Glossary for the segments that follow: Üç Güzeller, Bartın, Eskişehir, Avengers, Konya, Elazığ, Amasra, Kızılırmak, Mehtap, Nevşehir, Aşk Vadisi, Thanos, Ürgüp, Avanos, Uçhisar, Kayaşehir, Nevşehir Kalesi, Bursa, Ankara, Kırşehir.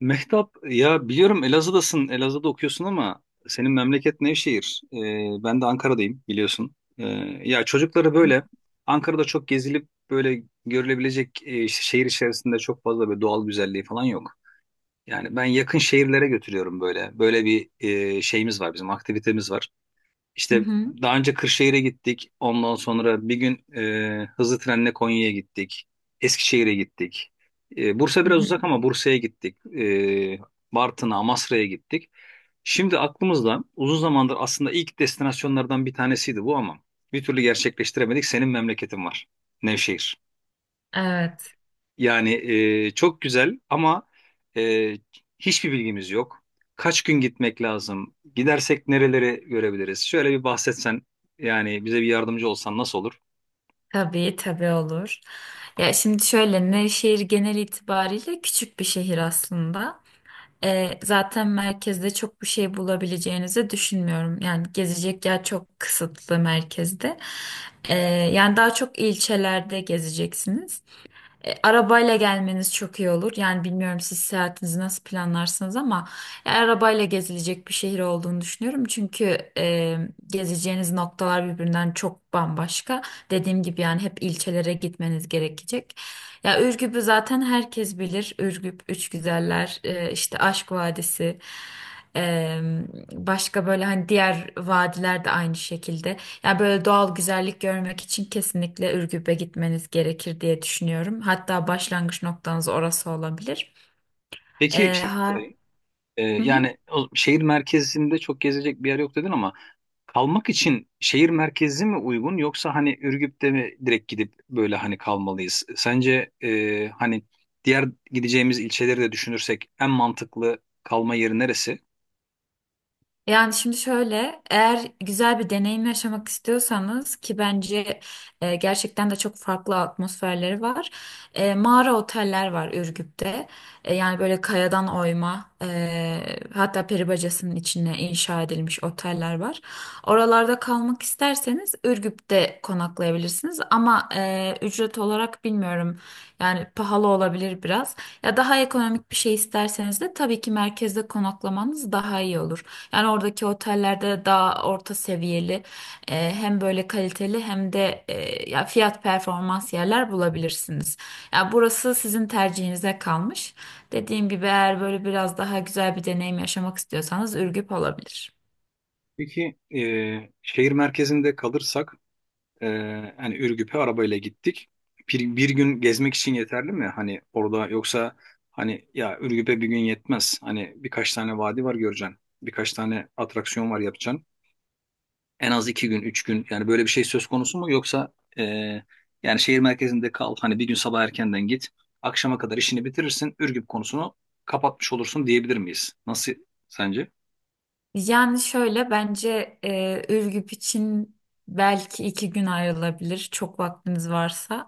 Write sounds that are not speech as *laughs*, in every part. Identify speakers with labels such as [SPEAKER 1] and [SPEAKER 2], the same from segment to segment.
[SPEAKER 1] Mehtap ya biliyorum Elazığ'dasın, Elazığ'da okuyorsun ama senin memleket Nevşehir. Ben de Ankara'dayım biliyorsun. Ya çocukları
[SPEAKER 2] Hı
[SPEAKER 1] böyle Ankara'da çok gezilip böyle görülebilecek işte şehir içerisinde çok fazla böyle doğal güzelliği falan yok. Yani ben yakın şehirlere götürüyorum böyle. Böyle bir şeyimiz var, bizim aktivitemiz var. İşte
[SPEAKER 2] hı,
[SPEAKER 1] daha önce Kırşehir'e gittik. Ondan sonra bir gün hızlı trenle Konya'ya gittik. Eskişehir'e gittik. Bursa
[SPEAKER 2] hı
[SPEAKER 1] biraz
[SPEAKER 2] hı.
[SPEAKER 1] uzak ama Bursa'ya gittik. Bartın'a, Amasra'ya gittik. Şimdi aklımızda uzun zamandır aslında ilk destinasyonlardan bir tanesiydi bu ama bir türlü gerçekleştiremedik. Senin memleketin var. Nevşehir.
[SPEAKER 2] Evet,
[SPEAKER 1] Yani çok güzel ama e, hiçbir bilgimiz yok. Kaç gün gitmek lazım? Gidersek nereleri görebiliriz? Şöyle bir bahsetsen yani bize bir yardımcı olsan nasıl olur?
[SPEAKER 2] tabii tabii olur. Ya şimdi şöyle Nevşehir genel itibariyle küçük bir şehir aslında. Zaten merkezde çok bir şey bulabileceğinizi düşünmüyorum. Yani gezecek yer çok kısıtlı merkezde. Ee, Yani daha çok ilçelerde gezeceksiniz. Arabayla gelmeniz çok iyi olur. Yani bilmiyorum siz seyahatinizi nasıl planlarsınız ama arabayla gezilecek bir şehir olduğunu düşünüyorum. Çünkü gezeceğiniz noktalar birbirinden çok bambaşka. Dediğim gibi yani hep ilçelere gitmeniz gerekecek. Ya Ürgüp'ü zaten herkes bilir. Ürgüp, Üç Güzeller, işte Aşk Vadisi. e, Başka böyle hani diğer vadiler de aynı şekilde. Ya böyle doğal güzellik görmek için kesinlikle Ürgüp'e gitmeniz gerekir diye düşünüyorum. Hatta başlangıç noktanız orası olabilir.
[SPEAKER 1] Peki
[SPEAKER 2] Ee,
[SPEAKER 1] şey
[SPEAKER 2] ha,
[SPEAKER 1] sorayım.
[SPEAKER 2] hı hı.
[SPEAKER 1] Yani o, şehir merkezinde çok gezecek bir yer yok dedin ama kalmak için şehir merkezi mi uygun, yoksa hani Ürgüp'te mi direkt gidip böyle hani kalmalıyız? Sence hani diğer gideceğimiz ilçeleri de düşünürsek en mantıklı kalma yeri neresi?
[SPEAKER 2] Yani şimdi şöyle, eğer güzel bir deneyim yaşamak istiyorsanız ki bence gerçekten de çok farklı atmosferleri var. Mağara oteller var Ürgüp'te. Yani böyle kayadan oyma, hatta peri bacasının içine inşa edilmiş oteller var. Oralarda kalmak isterseniz Ürgüp'te konaklayabilirsiniz. Ama ücret olarak bilmiyorum. Yani pahalı olabilir biraz. Ya daha ekonomik bir şey isterseniz de tabii ki merkezde konaklamanız daha iyi olur. Yani oradaki otellerde daha orta seviyeli hem böyle kaliteli hem de ya fiyat performans yerler bulabilirsiniz. Ya burası sizin tercihinize kalmış. Dediğim gibi eğer böyle biraz daha güzel bir deneyim yaşamak istiyorsanız Ürgüp olabilir.
[SPEAKER 1] Peki şehir merkezinde kalırsak e, hani Ürgüp'e arabayla gittik. Bir gün gezmek için yeterli mi? Hani orada, yoksa hani ya Ürgüp'e bir gün yetmez. Hani birkaç tane vadi var, göreceksin. Birkaç tane atraksiyon var, yapacaksın. En az 2 gün, 3 gün, yani böyle bir şey söz konusu mu? Yoksa yani şehir merkezinde kal. Hani bir gün sabah erkenden git. Akşama kadar işini bitirirsin. Ürgüp konusunu kapatmış olursun diyebilir miyiz? Nasıl sence?
[SPEAKER 2] Yani şöyle bence Ürgüp için belki iki gün ayrılabilir çok vaktiniz varsa.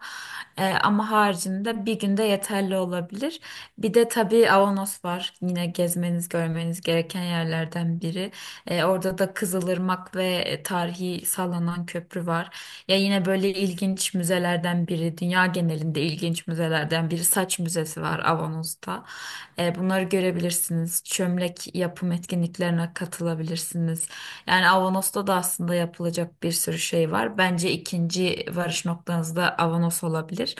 [SPEAKER 2] Ama haricinde bir günde yeterli olabilir. Bir de tabii Avanos var yine gezmeniz görmeniz gereken yerlerden biri. Orada da Kızılırmak ve tarihi sallanan köprü var. Ya yine böyle ilginç müzelerden biri, dünya genelinde ilginç müzelerden biri saç müzesi var Avanos'ta. Bunları görebilirsiniz. Çömlek yapım etkinliklerine katılabilirsiniz. Yani Avanos'ta da aslında yapılacak bir sürü şey var. Bence ikinci varış noktanız da Avanos olabilir.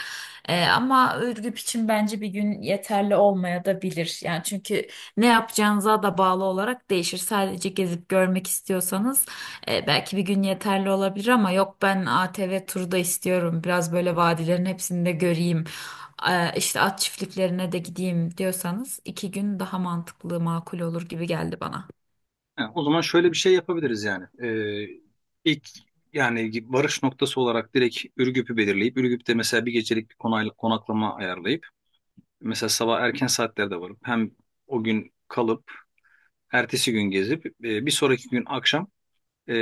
[SPEAKER 2] Ama Ürgüp için bence bir gün yeterli olmaya da bilir. Yani çünkü ne yapacağınıza da bağlı olarak değişir. Sadece gezip görmek istiyorsanız belki bir gün yeterli olabilir ama yok ben ATV turu da istiyorum. Biraz böyle vadilerin hepsini de göreyim, işte at çiftliklerine de gideyim diyorsanız iki gün daha mantıklı, makul olur gibi geldi bana.
[SPEAKER 1] Ha, o zaman şöyle bir şey yapabiliriz yani. İlk yani varış noktası olarak direkt Ürgüp'ü belirleyip Ürgüp'te mesela bir gecelik bir konaklama ayarlayıp mesela sabah erken saatlerde varıp hem o gün kalıp ertesi gün gezip bir sonraki gün akşam e,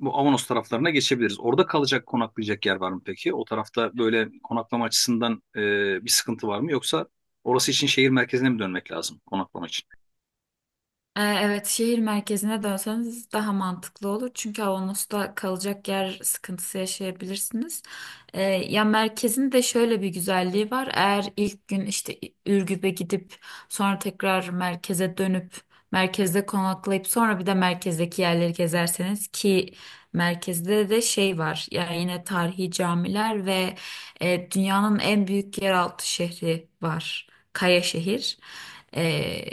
[SPEAKER 1] bu Avanos taraflarına geçebiliriz. Orada kalacak konaklayacak yer var mı peki? O tarafta böyle konaklama açısından bir sıkıntı var mı? Yoksa orası için şehir merkezine mi dönmek lazım konaklama için?
[SPEAKER 2] Evet, şehir merkezine dönseniz daha mantıklı olur. Çünkü Avanos'ta kalacak yer sıkıntısı yaşayabilirsiniz. Ya merkezin de şöyle bir güzelliği var. Eğer ilk gün işte Ürgüp'e gidip sonra tekrar merkeze dönüp merkezde konaklayıp sonra bir de merkezdeki yerleri gezerseniz ki merkezde de şey var. Yani yine tarihi camiler ve dünyanın en büyük yeraltı şehri var. Kayaşehir. Şehir. Ee,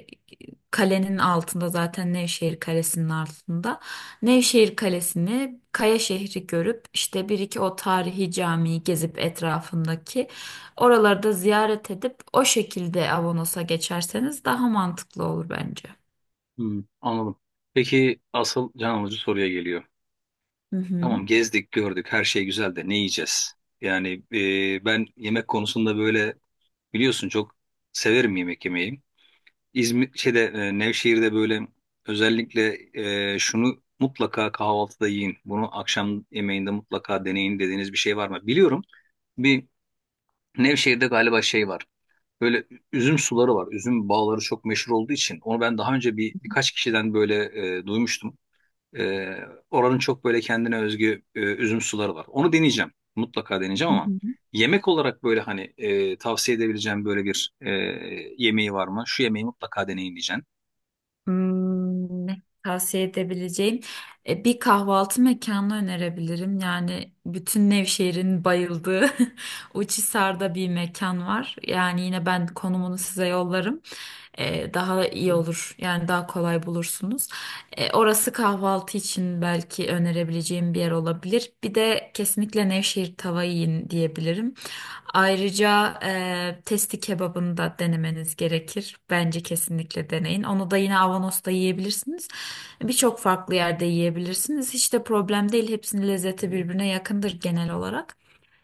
[SPEAKER 2] Kalenin altında zaten, Nevşehir Kalesi'nin altında. Nevşehir Kalesi'ni, Kaya şehri görüp işte bir iki o tarihi camiyi gezip etrafındaki oralarda ziyaret edip o şekilde Avanos'a geçerseniz daha mantıklı olur bence.
[SPEAKER 1] Hmm, anladım. Peki asıl can alıcı soruya geliyor.
[SPEAKER 2] Hı hı.
[SPEAKER 1] Tamam, gezdik gördük her şey güzel de ne yiyeceğiz? Yani ben yemek konusunda böyle biliyorsun çok severim yemek yemeyi. İzmir şeyde Nevşehir'de böyle özellikle şunu mutlaka kahvaltıda yiyin. Bunu akşam yemeğinde mutlaka deneyin dediğiniz bir şey var mı? Biliyorum, bir Nevşehir'de galiba şey var. Böyle üzüm suları var. Üzüm bağları çok meşhur olduğu için onu ben daha önce birkaç kişiden böyle duymuştum. Ee, Oranın çok böyle kendine özgü üzüm suları var. Onu deneyeceğim. Mutlaka
[SPEAKER 2] Hı
[SPEAKER 1] deneyeceğim ama
[SPEAKER 2] hı.
[SPEAKER 1] yemek olarak böyle hani tavsiye edebileceğim böyle bir yemeği var mı? Şu yemeği mutlaka deneyin diyeceğim.
[SPEAKER 2] Hmm, ne tavsiye edebileceğim. Bir kahvaltı mekanı önerebilirim. Yani bütün Nevşehir'in bayıldığı *laughs* Uçhisar'da bir mekan var. Yani yine ben konumunu size yollarım. Daha iyi olur. Yani daha kolay bulursunuz. Orası kahvaltı için belki önerebileceğim bir yer olabilir. Bir de kesinlikle Nevşehir tava yiyin diyebilirim. Ayrıca testi kebabını da denemeniz gerekir. Bence kesinlikle deneyin. Onu da yine Avanos'ta yiyebilirsiniz. Birçok farklı yerde yiyebilirsiniz. Hiç de problem değil. Hepsinin lezzeti birbirine yakındır genel olarak.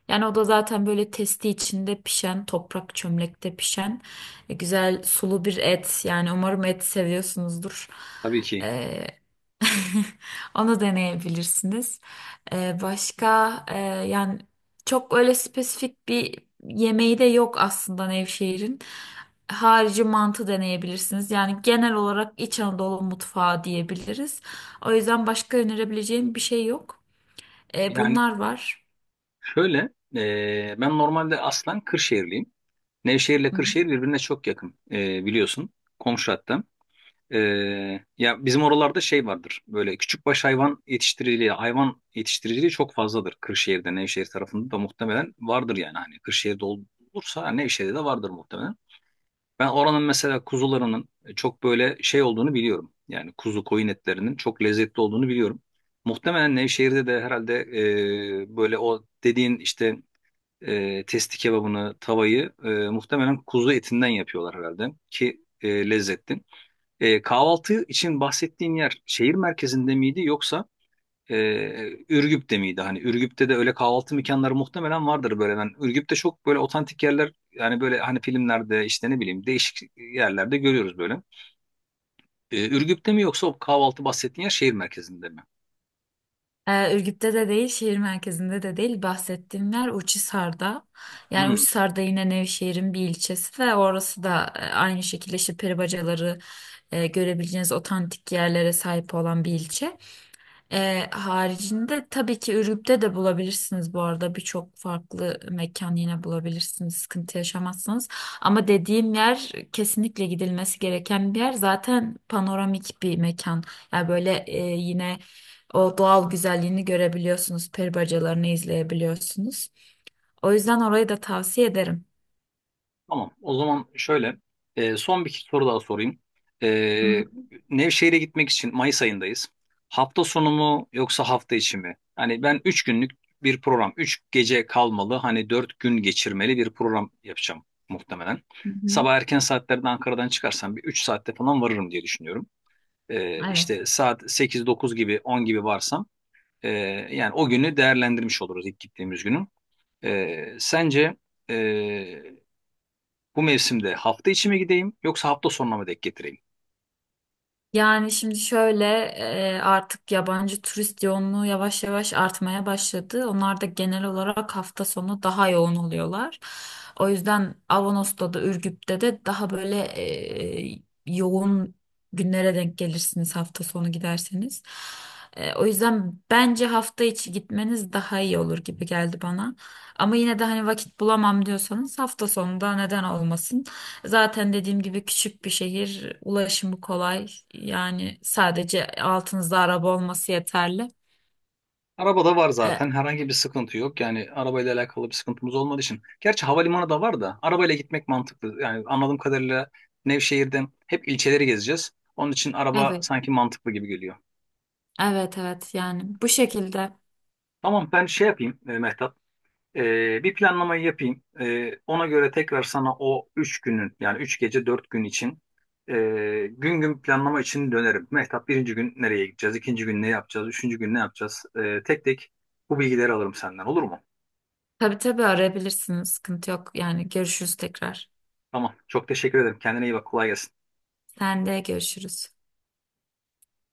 [SPEAKER 2] Yani o da zaten böyle testi içinde pişen, toprak çömlekte pişen güzel sulu bir et. Yani umarım et seviyorsunuzdur.
[SPEAKER 1] Tabii ki.
[SPEAKER 2] Ee, *laughs* onu deneyebilirsiniz. Ee, başka e, Yani çok öyle spesifik bir yemeği de yok aslında Nevşehir'in. Harici mantı deneyebilirsiniz. Yani genel olarak İç Anadolu mutfağı diyebiliriz. O yüzden başka önerebileceğim bir şey yok.
[SPEAKER 1] Yani
[SPEAKER 2] Bunlar var.
[SPEAKER 1] şöyle ben normalde aslen Kırşehirliyim. Nevşehir ile
[SPEAKER 2] Hı hı.
[SPEAKER 1] Kırşehir birbirine çok yakın biliyorsun. Komşu hatta. Ya bizim oralarda şey vardır. Böyle küçükbaş hayvan yetiştiriciliği, hayvan yetiştiriciliği çok fazladır. Kırşehir'de, Nevşehir tarafında da muhtemelen vardır yani. Hani Kırşehir'de olursa Nevşehir'de de vardır muhtemelen. Ben oranın mesela kuzularının çok böyle şey olduğunu biliyorum. Yani kuzu koyun etlerinin çok lezzetli olduğunu biliyorum. Muhtemelen Nevşehir'de de herhalde böyle o dediğin işte testi kebabını, tavayı muhtemelen kuzu etinden yapıyorlar herhalde ki lezzetli. Kahvaltı için bahsettiğin yer şehir merkezinde miydi, yoksa e, Ürgüp'te miydi? Hani Ürgüp'te de öyle kahvaltı mekanları muhtemelen vardır böyle. Ben Ürgüp'te çok böyle otantik yerler, yani böyle hani filmlerde işte ne bileyim değişik yerlerde görüyoruz böyle. Ürgüp'te mi, yoksa o kahvaltı bahsettiğin yer şehir merkezinde mi?
[SPEAKER 2] Ürgüp'te de değil, şehir merkezinde de değil. Bahsettiğim yer Uçhisar'da. Yani
[SPEAKER 1] Hmm.
[SPEAKER 2] Uçhisar'da yine Nevşehir'in bir ilçesi ve orası da aynı şekilde işte peribacaları görebileceğiniz otantik yerlere sahip olan bir ilçe. Haricinde tabii ki Ürgüp'te de bulabilirsiniz, bu arada birçok farklı mekan yine bulabilirsiniz sıkıntı yaşamazsınız ama dediğim yer kesinlikle gidilmesi gereken bir yer, zaten panoramik bir mekan yani böyle yine o doğal güzelliğini görebiliyorsunuz, peri bacalarını izleyebiliyorsunuz, o yüzden orayı da tavsiye ederim.
[SPEAKER 1] Tamam. O zaman şöyle son bir soru daha sorayım.
[SPEAKER 2] Hı
[SPEAKER 1] E,
[SPEAKER 2] hı.
[SPEAKER 1] Nevşehir'e gitmek için Mayıs ayındayız. Hafta sonu mu, yoksa hafta içi mi? Hani ben 3 günlük bir program, 3 gece kalmalı, hani 4 gün geçirmeli bir program yapacağım muhtemelen.
[SPEAKER 2] Hı hı.
[SPEAKER 1] Sabah erken saatlerde Ankara'dan çıkarsam bir 3 saatte falan varırım diye düşünüyorum.
[SPEAKER 2] Evet.
[SPEAKER 1] İşte saat sekiz dokuz gibi 10 gibi varsam e, yani o günü değerlendirmiş oluruz, ilk gittiğimiz günü. Sence e, bu mevsimde hafta içi mi gideyim, yoksa hafta sonuna mı denk getireyim?
[SPEAKER 2] Yani şimdi şöyle artık yabancı turist yoğunluğu yavaş yavaş artmaya başladı. Onlar da genel olarak hafta sonu daha yoğun oluyorlar. O yüzden Avanos'ta da Ürgüp'te de daha böyle yoğun günlere denk gelirsiniz hafta sonu giderseniz. O yüzden bence hafta içi gitmeniz daha iyi olur gibi geldi bana. Ama yine de hani vakit bulamam diyorsanız hafta sonunda neden olmasın? Zaten dediğim gibi küçük bir şehir, ulaşımı kolay. Yani sadece altınızda araba olması yeterli.
[SPEAKER 1] Arabada var
[SPEAKER 2] E,
[SPEAKER 1] zaten, herhangi bir sıkıntı yok. Yani arabayla alakalı bir sıkıntımız olmadığı için. Gerçi havalimanı da var da arabayla gitmek mantıklı. Yani anladığım kadarıyla Nevşehir'den hep ilçeleri gezeceğiz. Onun için araba
[SPEAKER 2] evet,
[SPEAKER 1] sanki mantıklı gibi geliyor.
[SPEAKER 2] evet, evet. Yani bu şekilde.
[SPEAKER 1] Tamam, ben şey yapayım Mehtap. Bir planlamayı yapayım. Ona göre tekrar sana o 3 günün yani 3 gece 4 gün için e, gün gün planlama için dönerim. Mehtap, birinci gün nereye gideceğiz? İkinci gün ne yapacağız? Üçüncü gün ne yapacağız? Tek tek bu bilgileri alırım senden, olur mu?
[SPEAKER 2] Tabii tabii arayabilirsiniz. Sıkıntı yok. Yani görüşürüz tekrar.
[SPEAKER 1] Tamam. Çok teşekkür ederim. Kendine iyi bak. Kolay gelsin.
[SPEAKER 2] Sen de görüşürüz.